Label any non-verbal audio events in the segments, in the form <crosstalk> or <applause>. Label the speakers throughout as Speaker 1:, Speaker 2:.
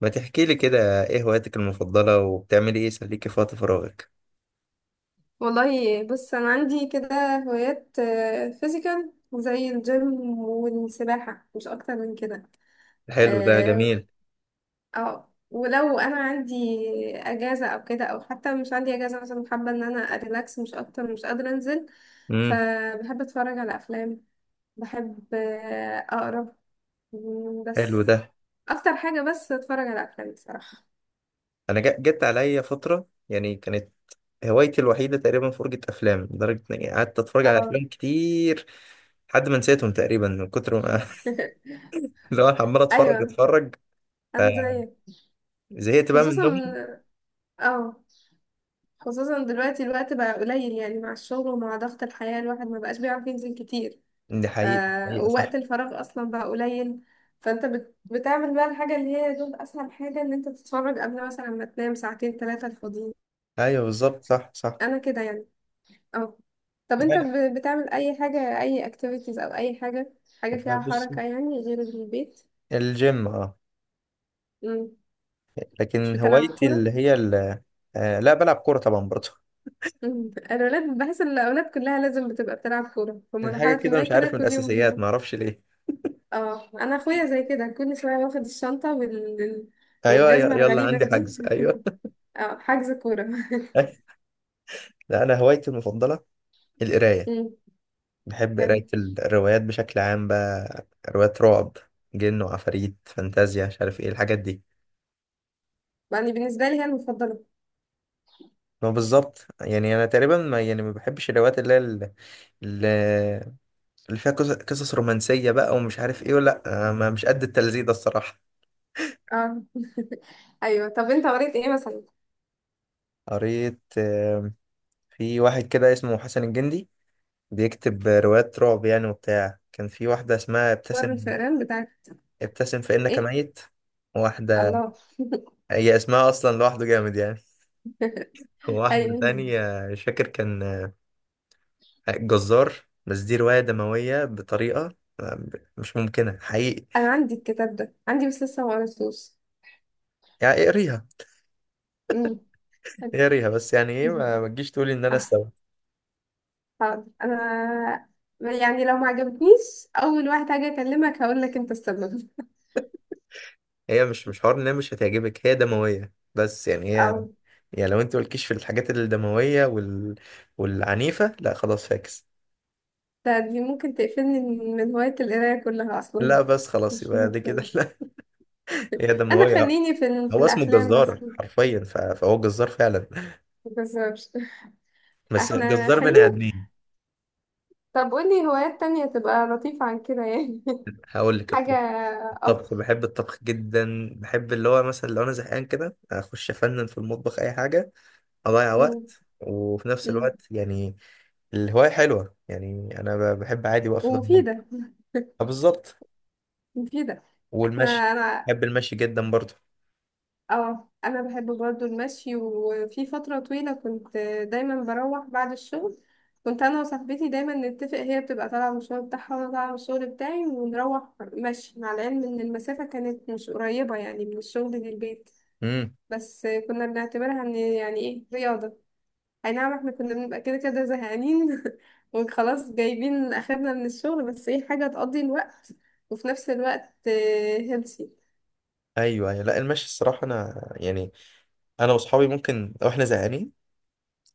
Speaker 1: ما تحكي لي كده، ايه هواياتك المفضلة وبتعملي ايه يسليكي في وقت فراغك؟
Speaker 2: والله بص، انا عندي كده هوايات فيزيكال زي الجيم والسباحة مش اكتر من كده.
Speaker 1: حلو، ده
Speaker 2: اه.
Speaker 1: جميل.
Speaker 2: ولو انا عندي اجازة او كده، او حتى مش عندي اجازة مثلا، حابة ان انا اريلاكس مش اكتر، مش قادرة انزل.
Speaker 1: امم.
Speaker 2: فبحب اتفرج على افلام، بحب اقرا،
Speaker 1: حلو
Speaker 2: بس.
Speaker 1: ده.
Speaker 2: اكتر حاجة بس اتفرج على افلام بصراحة.
Speaker 1: انا جت عليا فترة، يعني كانت هوايتي الوحيدة تقريبا فرجة افلام لدرجة اني قعدت اتفرج على
Speaker 2: اه.
Speaker 1: افلام كتير لحد ما نسيتهم تقريبا من كتر ما <laughs>
Speaker 2: <laughs>
Speaker 1: اللي هو أنا عمال اتفرج
Speaker 2: ايوه،
Speaker 1: اتفرج،
Speaker 2: انا زيك.
Speaker 1: فزهقت بقى
Speaker 2: خصوصا
Speaker 1: منهم.
Speaker 2: اه خصوصا دلوقتي الوقت بقى قليل، يعني مع الشغل ومع ضغط الحياة الواحد ما بقاش بيعرف ينزل كتير.
Speaker 1: دي
Speaker 2: ف...
Speaker 1: حقيقة، حقيقة
Speaker 2: ووقت
Speaker 1: صح.
Speaker 2: الفراغ أصلا بقى قليل. فأنت بتعمل بقى الحاجة اللي هي دول، أسهل حاجة إن أنت تتفرج قبل مثلا ما تنام ساعتين ثلاثة الفاضيين.
Speaker 1: ايوه، بالظبط، صح صح.
Speaker 2: أنا كده يعني. اه. طب أنت
Speaker 1: لا
Speaker 2: بتعمل أي حاجة، أي activities أو أي حاجة، حاجة
Speaker 1: لا،
Speaker 2: فيها
Speaker 1: بص،
Speaker 2: حركة يعني غير البيت؟
Speaker 1: الجيم اه.
Speaker 2: مم. مش
Speaker 1: لكن
Speaker 2: بتلعب
Speaker 1: هوايتي
Speaker 2: كورة؟
Speaker 1: اللي هي آه، لا بلعب كورة طبعا برضه.
Speaker 2: مم. الأولاد، بحس إن الأولاد كلها لازم بتبقى بتلعب كورة في
Speaker 1: حاجة
Speaker 2: مرحلة
Speaker 1: كده،
Speaker 2: ما
Speaker 1: مش عارف
Speaker 2: كده،
Speaker 1: من
Speaker 2: كل
Speaker 1: الأساسيات،
Speaker 2: يوم.
Speaker 1: معرفش ليه.
Speaker 2: اه، انا اخويا زي كده كل شويه واخد الشنطه
Speaker 1: أيوة،
Speaker 2: والجزمه
Speaker 1: يلا
Speaker 2: الغريبه
Speaker 1: عندي
Speaker 2: دي.
Speaker 1: حجز،
Speaker 2: <laughs>
Speaker 1: أيوة.
Speaker 2: اه، حجز كوره. <laughs>
Speaker 1: <laughs> لا، أنا هوايتي المفضلة القراية.
Speaker 2: مم.
Speaker 1: بحب
Speaker 2: حلو.
Speaker 1: قراية الروايات بشكل عام، بقى روايات رعب، جن وعفاريت، فانتازيا، مش عارف إيه الحاجات دي.
Speaker 2: يعني بالنسبه لي هي المفضله.
Speaker 1: ما بالظبط، يعني أنا تقريبا، ما يعني ما بحبش الروايات اللي هي ال- اللي فيها قصص رومانسية بقى، ومش عارف إيه، ولا أنا مش قد التلذيذ ده الصراحة.
Speaker 2: اه. <laughs> ايوه، طب انت قريت ايه مثلا؟
Speaker 1: قريت في واحد كده اسمه حسن الجندي، بيكتب روايات رعب يعني وبتاع. كان في واحدة اسمها
Speaker 2: مر
Speaker 1: ابتسم
Speaker 2: الفئران بتاعك؟
Speaker 1: ابتسم فإنك
Speaker 2: ايه؟
Speaker 1: ميت. واحدة،
Speaker 2: الله.
Speaker 1: هي اسمها أصلا لوحده جامد يعني. <laughs> واحدة
Speaker 2: ايوه،
Speaker 1: تانية مش فاكر، كان جزار. بس دي رواية دموية بطريقة مش ممكنة حقيقي.
Speaker 2: انا عندي الكتاب ده عندي بس لسه ما قريتوش.
Speaker 1: يعني اقريها.
Speaker 2: مم. حلو.
Speaker 1: اقريها بس، يعني ايه، ما
Speaker 2: <laughs>
Speaker 1: ما تجيش تقولي ان انا
Speaker 2: آه،
Speaker 1: استوى.
Speaker 2: حاضر. انا يعني لو ما عجبتنيش، اول واحد هاجي اكلمك هقول لك انت السبب.
Speaker 1: هي مش حوار ان هي مش هتعجبك، هي دموية بس يعني
Speaker 2: <laughs>
Speaker 1: هي.
Speaker 2: اه.
Speaker 1: يعني لو انت مالكيش في الحاجات الدموية والعنيفة، لا خلاص فاكس.
Speaker 2: لا، دي ممكن تقفلني من هواية القراية كلها أصلا.
Speaker 1: لا بس خلاص،
Speaker 2: مش
Speaker 1: يبقى دي
Speaker 2: بحب.
Speaker 1: كده <laughs> هي
Speaker 2: أنا
Speaker 1: دموية.
Speaker 2: خليني في
Speaker 1: هو اسمه
Speaker 2: الأفلام بس.
Speaker 1: الجزار حرفيا، فهو جزار فعلا.
Speaker 2: مبهزرش. <laughs>
Speaker 1: بس
Speaker 2: احنا
Speaker 1: جزار بني
Speaker 2: خلينا.
Speaker 1: ادمين.
Speaker 2: طب قولي هوايات تانية تبقى لطيفة عن كده يعني.
Speaker 1: هقول
Speaker 2: <laughs>
Speaker 1: لك
Speaker 2: حاجة
Speaker 1: الطبخ.
Speaker 2: أفضل.
Speaker 1: الطبخ، بحب الطبخ جدا، بحب اللي هو مثلا لو انا زهقان كده اخش افنن في المطبخ اي حاجه، اضيع
Speaker 2: م-
Speaker 1: وقت، وفي نفس
Speaker 2: م-
Speaker 1: الوقت يعني الهوايه حلوه يعني. انا بحب عادي وقف في المطبخ.
Speaker 2: ومفيدة.
Speaker 1: آه، بالظبط.
Speaker 2: مفيدة.
Speaker 1: والمشي،
Speaker 2: أنا.
Speaker 1: بحب المشي جدا برضه.
Speaker 2: اه. انا بحب برضو المشي، وفي فتره طويله كنت دايما بروح بعد الشغل. كنت انا وصاحبتي دايما نتفق، هي بتبقى طالعه من الشغل بتاعها وانا طالعه من الشغل بتاعي، ونروح مشي، مع العلم ان المسافه كانت مش قريبه يعني من الشغل للبيت.
Speaker 1: امم.
Speaker 2: بس كنا بنعتبرها ان يعني ايه، رياضه. اي نعم، احنا كنا بنبقى كده كده زهقانين <laughs> وخلاص جايبين اخرنا من الشغل، بس ايه، حاجه تقضي الوقت. وفي نفس الوقت هيلثي.
Speaker 1: ايوه ايوه، لا المشي الصراحه، انا يعني انا واصحابي ممكن، لو احنا زهقانين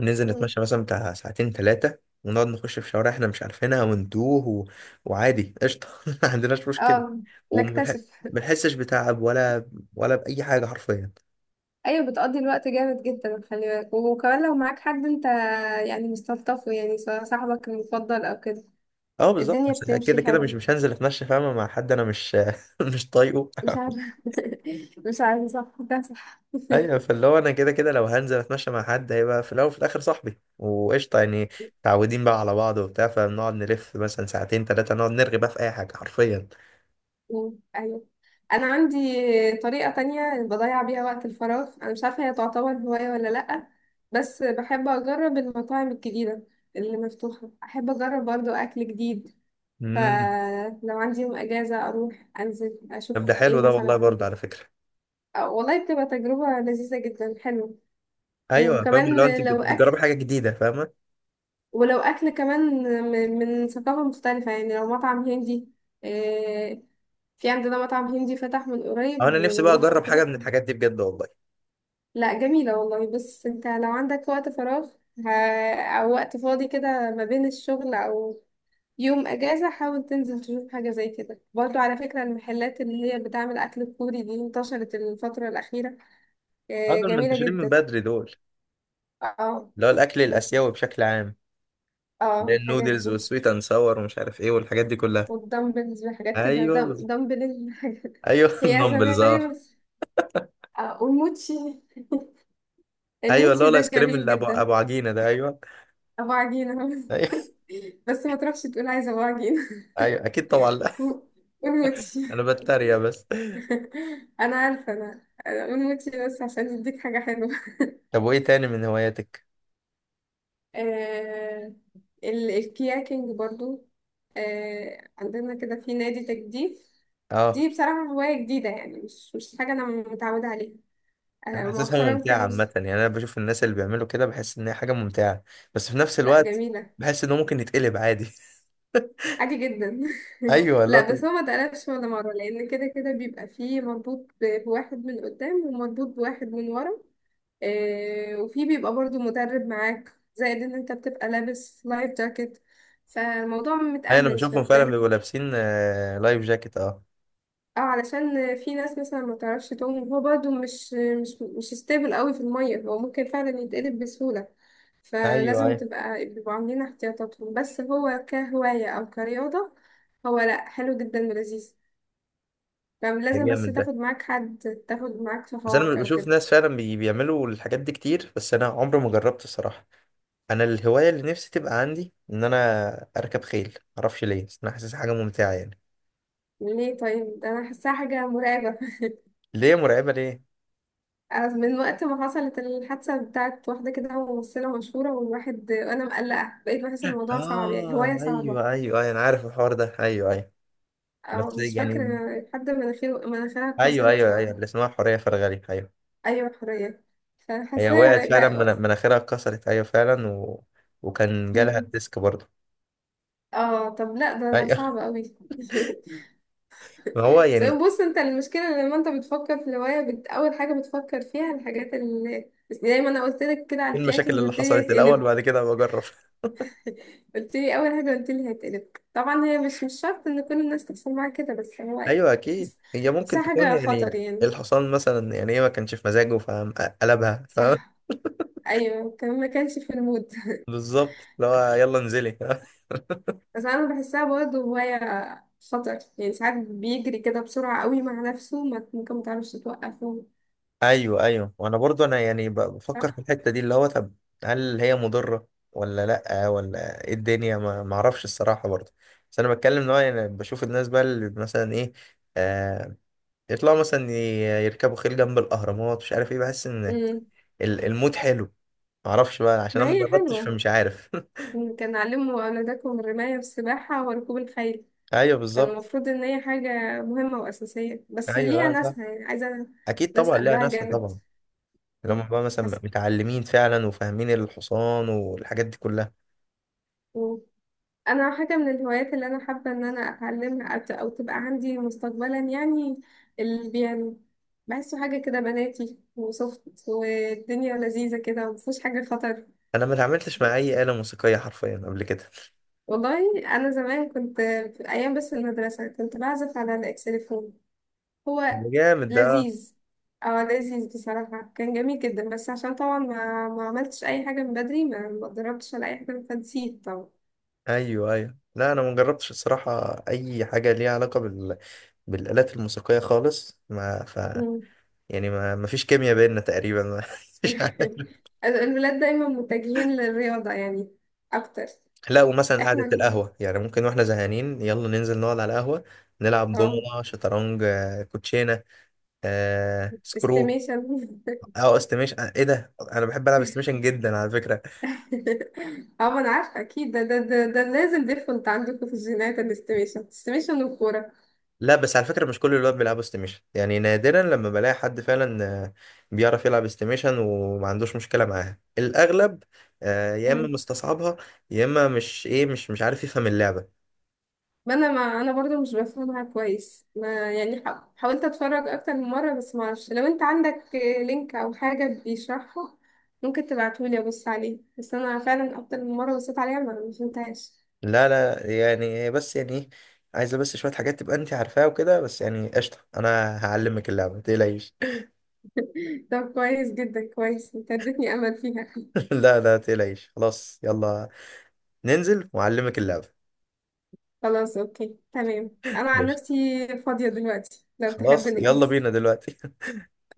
Speaker 1: ننزل نتمشى مثلا بتاع ساعتين ثلاثة، ونقعد نخش في شوارع احنا مش عارفينها وندوه وعادي قشطة <laughs> ما عندناش مشكلة،
Speaker 2: اه.
Speaker 1: وما
Speaker 2: نكتشف.
Speaker 1: بنحسش بتعب ولا بأي حاجة حرفيا.
Speaker 2: ايوه، بتقضي الوقت جامد جدا، خلي بالك، وكمان لو معاك حد انت يعني مستلطفه، يعني سواء صاحبك المفضل او كده.
Speaker 1: اه، بالظبط،
Speaker 2: الدنيا
Speaker 1: بس يعني كده
Speaker 2: بتمشي
Speaker 1: كده مش
Speaker 2: حلو.
Speaker 1: مش هنزل اتمشى، فاهمة، مع حد انا مش <laughs> مش طايقه
Speaker 2: مش
Speaker 1: <laughs>
Speaker 2: عارفه. <laughs> مش عارفه، صح ده صح. <laughs>
Speaker 1: ايوه، فاللي هو انا كده كده لو هنزل اتمشى مع حد، هيبقى في الاول وفي الاخر صاحبي، وقشطة يعني. متعودين بقى على بعض وبتاع، فبنقعد نلف مثلا ساعتين ثلاثة، نقعد نرغي بقى في اي حاجة حرفيا.
Speaker 2: ايوه، انا عندي طريقه تانية بضيع بيها وقت الفراغ، انا مش عارفه هي تعتبر هوايه ولا لا. بس بحب اجرب المطاعم الجديده اللي مفتوحه، احب اجرب برضو اكل جديد.
Speaker 1: امم.
Speaker 2: فلو عندي يوم اجازه اروح انزل
Speaker 1: طب ده
Speaker 2: اشوف
Speaker 1: حلو
Speaker 2: ايه
Speaker 1: ده والله،
Speaker 2: مثلا.
Speaker 1: برضه على فكرة.
Speaker 2: آه، والله بتبقى تجربة لذيذة جدا، حلوة.
Speaker 1: ايوه، فاهم اللي هو انت
Speaker 2: وكمان لو أكل،
Speaker 1: بتجربي حاجه جديده، فاهمه.
Speaker 2: ولو أكل كمان من ثقافة مختلفة، يعني لو مطعم هندي. آه، في عندنا مطعم هندي فتح من
Speaker 1: أو
Speaker 2: قريب،
Speaker 1: انا نفسي بقى
Speaker 2: ورحت
Speaker 1: اجرب حاجه
Speaker 2: كده.
Speaker 1: من الحاجات دي بجد والله.
Speaker 2: لا جميلة والله. بس انت لو عندك وقت فراغ، ه- أو وقت فاضي كده ما بين الشغل أو يوم أجازة، حاول تنزل تشوف حاجة زي كده. برضو على فكرة، المحلات اللي هي بتعمل أكل كوري دي انتشرت الفترة الأخيرة.
Speaker 1: آه،
Speaker 2: آه،
Speaker 1: دول
Speaker 2: جميلة
Speaker 1: منتشرين من
Speaker 2: جدا.
Speaker 1: بدري دول،
Speaker 2: اه.
Speaker 1: اللي هو الاكل الاسيوي بشكل عام،
Speaker 2: اه
Speaker 1: اللي هي
Speaker 2: الحاجات
Speaker 1: النودلز
Speaker 2: دي.
Speaker 1: والسويت اند ساور ومش عارف ايه والحاجات دي كلها.
Speaker 2: والدمبلز وحاجات كده،
Speaker 1: ايوه،
Speaker 2: دمبل حاجات.
Speaker 1: ايوه
Speaker 2: <laughs>
Speaker 1: <laughs>
Speaker 2: هي اسامي
Speaker 1: النمبلز
Speaker 2: غريبة
Speaker 1: اه.
Speaker 2: بس. اه، والموتشي.
Speaker 1: ايوه، اللي هو
Speaker 2: الموتشي ده
Speaker 1: الايس كريم
Speaker 2: جميل
Speaker 1: اللي ابو
Speaker 2: جدا.
Speaker 1: ابو عجينه ده، ايوه.
Speaker 2: ابو عجينة. <laughs>
Speaker 1: ايوه
Speaker 2: بس ما تروحش تقول عايزة ابو عجينة.
Speaker 1: ايوه، اكيد طبعا، لا.
Speaker 2: <laughs>
Speaker 1: <laughs>
Speaker 2: والموتشي،
Speaker 1: انا بتريق بس.
Speaker 2: انا عارفة. أنا والموتشي بس عشان يديك حاجة حلوة. <laughs>
Speaker 1: طب وايه تاني من هواياتك؟
Speaker 2: آه، الكياكينج برضو. آه، عندنا كده في نادي تجديف.
Speaker 1: اه،
Speaker 2: دي بصراحة هواية جديدة يعني، مش حاجة أنا متعودة عليها. آه،
Speaker 1: انا حاسسها
Speaker 2: مؤخرا
Speaker 1: ممتعه
Speaker 2: كانوا.
Speaker 1: عامه، يعني انا بشوف الناس اللي بيعملوا كده بحس ان هي حاجه ممتعه، بس في نفس
Speaker 2: لا
Speaker 1: الوقت
Speaker 2: جميلة.
Speaker 1: بحس انه ممكن يتقلب عادي <laughs>
Speaker 2: عادي جدا.
Speaker 1: ايوه،
Speaker 2: <laughs>
Speaker 1: لا.
Speaker 2: لا بس هو ما اتقلبش ولا مرة، لأن كده كده بيبقى فيه مربوط بواحد من قدام، ومربوط بواحد من ورا. آه، وفي بيبقى برضو مدرب معاك. زائد ان انت بتبقى لابس لايف جاكيت، فالموضوع
Speaker 1: ايوه، انا
Speaker 2: متأمن
Speaker 1: بشوفهم فعلا بيبقوا
Speaker 2: شويتين.
Speaker 1: لابسين لايف جاكيت اه.
Speaker 2: اه، علشان في ناس مثلا ما تعرفش تعوم، وهو برضو مش ستيبل قوي في المية، هو ممكن فعلا يتقلب بسهولة.
Speaker 1: ايوه
Speaker 2: فلازم
Speaker 1: ايوه.
Speaker 2: تبقى بيبقوا عاملين احتياطاتهم. بس هو كهواية أو كرياضة. هو لأ، حلو جدا ولذيذ.
Speaker 1: ده
Speaker 2: فلازم بس
Speaker 1: جامد
Speaker 2: تاخد
Speaker 1: ده.
Speaker 2: معاك حد، تاخد معاك
Speaker 1: بس انا
Speaker 2: صحابك أو
Speaker 1: بشوف
Speaker 2: كده.
Speaker 1: ناس فعلا بيعملوا الحاجات دي كتير، بس انا عمري ما جربت الصراحه. انا الهوايه اللي نفسي تبقى عندي ان انا اركب خيل، معرفش ليه، بس انا حاسس حاجه ممتعه يعني.
Speaker 2: ليه؟ طيب ده أنا حاساها حاجة مرعبة. <laughs>
Speaker 1: ليه مرعبه، ليه؟
Speaker 2: أنا من وقت ما حصلت الحادثة بتاعت واحدة كده ممثلة مشهورة، والواحد أنا مقلقة، بقيت بحس إن الموضوع صعب، يعني
Speaker 1: اه،
Speaker 2: هواية صعبة.
Speaker 1: ايوه ايوه ايوه، انا عارف الحوار ده، ايوه ايوه.
Speaker 2: أو
Speaker 1: بس
Speaker 2: مش فاكرة.
Speaker 1: يعني،
Speaker 2: حد مناخيرها
Speaker 1: ايوه
Speaker 2: اتكسرت.
Speaker 1: ايوه ايوه، اللي اسمها حوريه فرغلي، ايوه.
Speaker 2: أيوة، حرية.
Speaker 1: هي
Speaker 2: فحاساها
Speaker 1: وقعت
Speaker 2: بقى.
Speaker 1: فعلا، مناخيرها اتكسرت، ايوه فعلا، وكان جالها
Speaker 2: بقى-
Speaker 1: الديسك برضه.
Speaker 2: اه. طب لا، ده
Speaker 1: ايوه.
Speaker 2: صعب قوي.
Speaker 1: <laughs> ما هو
Speaker 2: <laughs> عشان
Speaker 1: يعني،
Speaker 2: بص انت المشكله، لما انت بتفكر في الهوايه اول حاجه بتفكر فيها الحاجات، اللي بس زي ما انا قلت لك كده على
Speaker 1: ايه المشاكل
Speaker 2: الكياكينج
Speaker 1: اللي
Speaker 2: قلت لي
Speaker 1: حصلت الاول،
Speaker 2: هيتقلب.
Speaker 1: بعد كده بجرب.
Speaker 2: <laughs> قلت لي اول حاجه، قلت لي هيتقلب. طبعا هي مش شرط ان كل الناس تحصل معاها كده، بس هو
Speaker 1: <laughs>
Speaker 2: يعني
Speaker 1: ايوه، اكيد
Speaker 2: بحس.
Speaker 1: هي ممكن
Speaker 2: بحسها
Speaker 1: تكون،
Speaker 2: حاجه خطر
Speaker 1: يعني
Speaker 2: يعني.
Speaker 1: الحصان مثلا يعني ايه، ما كانش في مزاجه فقلبها، فاهم.
Speaker 2: صح. ايوه، كان ما كانش في المود.
Speaker 1: <laughs>
Speaker 2: <laughs>
Speaker 1: بالظبط، اللي هو يلا انزلي <laughs>
Speaker 2: بس انا بحسها برضه هوايه خطر، يعني ساعات بيجري كده بسرعه قوي مع نفسه، ممكن ما تعرفش توقفه.
Speaker 1: ايوه ايوه، وانا برضو انا يعني بفكر في
Speaker 2: صح.
Speaker 1: الحته دي، اللي هو طب هل هي مضره ولا لا، ولا ايه الدنيا، ما اعرفش الصراحه برضو. بس انا بتكلم ان هو يعني بشوف الناس بقى، اللي مثلا ايه، آه، يطلعوا مثلا يركبوا خيل جنب الاهرامات، مش عارف ايه، بحس ان
Speaker 2: امم
Speaker 1: المود حلو. معرفش بقى عشان
Speaker 2: ما
Speaker 1: انا ما
Speaker 2: هي
Speaker 1: جربتش،
Speaker 2: حلوة.
Speaker 1: فمش عارف <laughs>
Speaker 2: كان علموا أولادكم الرماية والسباحة وركوب الخيل.
Speaker 1: ايوه، بالظبط.
Speaker 2: فالمفروض إن هي حاجة مهمة وأساسية، بس
Speaker 1: ايوه،
Speaker 2: ليها
Speaker 1: لا صح.
Speaker 2: ناسها يعني، عايزة.
Speaker 1: اكيد
Speaker 2: ناس
Speaker 1: طبعا ليها
Speaker 2: قلبها
Speaker 1: ناسها
Speaker 2: جامد.
Speaker 1: طبعا، اللي هم
Speaker 2: مم.
Speaker 1: بقى مثلا
Speaker 2: حسن.
Speaker 1: متعلمين فعلا وفاهمين الحصان والحاجات دي كلها.
Speaker 2: مم. أنا حاجة من الهوايات اللي أنا حابة إن أنا أتعلمها، أو أو تبقى عندي مستقبلا يعني. البيانو. بحسه حاجة كده بناتي وسوفت والدنيا لذيذة كده، ومفيهوش حاجة خطر.
Speaker 1: انا ما اتعاملتش مع اي آلة موسيقية حرفيا قبل كده <laughs>
Speaker 2: والله. أنا زمان كنت في أيام بس المدرسة كنت بعزف على الإكسليفون. هو
Speaker 1: ده جامد ده.
Speaker 2: لذيذ. اه، لذيذ بصراحة، كان جميل جدا، بس عشان طبعا ما عملتش أي حاجة من بدري، ما اتدربتش على أي حاجة فنسيت طبعا.
Speaker 1: ايوه ايوه، لا انا ما جربتش الصراحة اي حاجة ليها علاقة بالآلات الموسيقية خالص، ما ف
Speaker 2: مم.
Speaker 1: يعني ما فيش كيمياء بيننا تقريبا <laughs> مش عارف.
Speaker 2: <laughs> الولاد دايما متجهين للرياضة يعني أكتر.
Speaker 1: لا، ومثلا
Speaker 2: احنا
Speaker 1: قعدة القهوة، يعني ممكن واحنا زهقانين يلا ننزل نقعد على القهوة، نلعب
Speaker 2: اه،
Speaker 1: دومنة، شطرنج، كوتشينة، سكرو،
Speaker 2: استيميشن. <laughs>
Speaker 1: او استيميشن. ايه ده، انا بحب العب استيميشن جدا على فكرة.
Speaker 2: اه، ما أنا عارفة أكيد ده لازم ديفولت عندكم في الجينات، الاستيميشن استيميشن والكورة.
Speaker 1: لا، بس على فكرة مش كل الولاد بيلعبوا استيميشن، يعني نادرا لما بلاقي حد فعلا بيعرف يلعب استيميشن وما عندوش مشكلة معاها. الاغلب يا اما مستصعبها، يا اما مش، ايه، مش عارف يفهم اللعبة.
Speaker 2: ما انا برضو مش بفهمها كويس، ما يعني حاولت اتفرج اكتر من مره، بس ما اعرفش، لو انت عندك لينك او حاجه بيشرحه. ممكن تبعتهولي ابص عليه، بس انا فعلا اكتر من مره بصيت عليها ما فهمتهاش.
Speaker 1: لا لا، يعني هي بس، يعني ايه، عايزه بس شويه حاجات تبقى انت عارفاها وكده، بس يعني قشطه، انا هعلمك اللعبه، ما تقلقيش.
Speaker 2: طب كويس جدا، كويس، انت اديتني امل فيها.
Speaker 1: <laughs> لا لا تقلقيش، خلاص يلا، ننزل واعلمك اللعبه.
Speaker 2: خلاص اوكي تمام،
Speaker 1: <laughs>
Speaker 2: انا عن
Speaker 1: يلا،
Speaker 2: نفسي فاضيه دلوقتي لو تحب
Speaker 1: خلاص، يلا
Speaker 2: نجهز.
Speaker 1: بينا دلوقتي.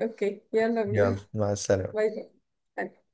Speaker 2: اوكي،
Speaker 1: <laughs>
Speaker 2: يلا
Speaker 1: يلا،
Speaker 2: بينا.
Speaker 1: مع السلامه.
Speaker 2: باي. باي.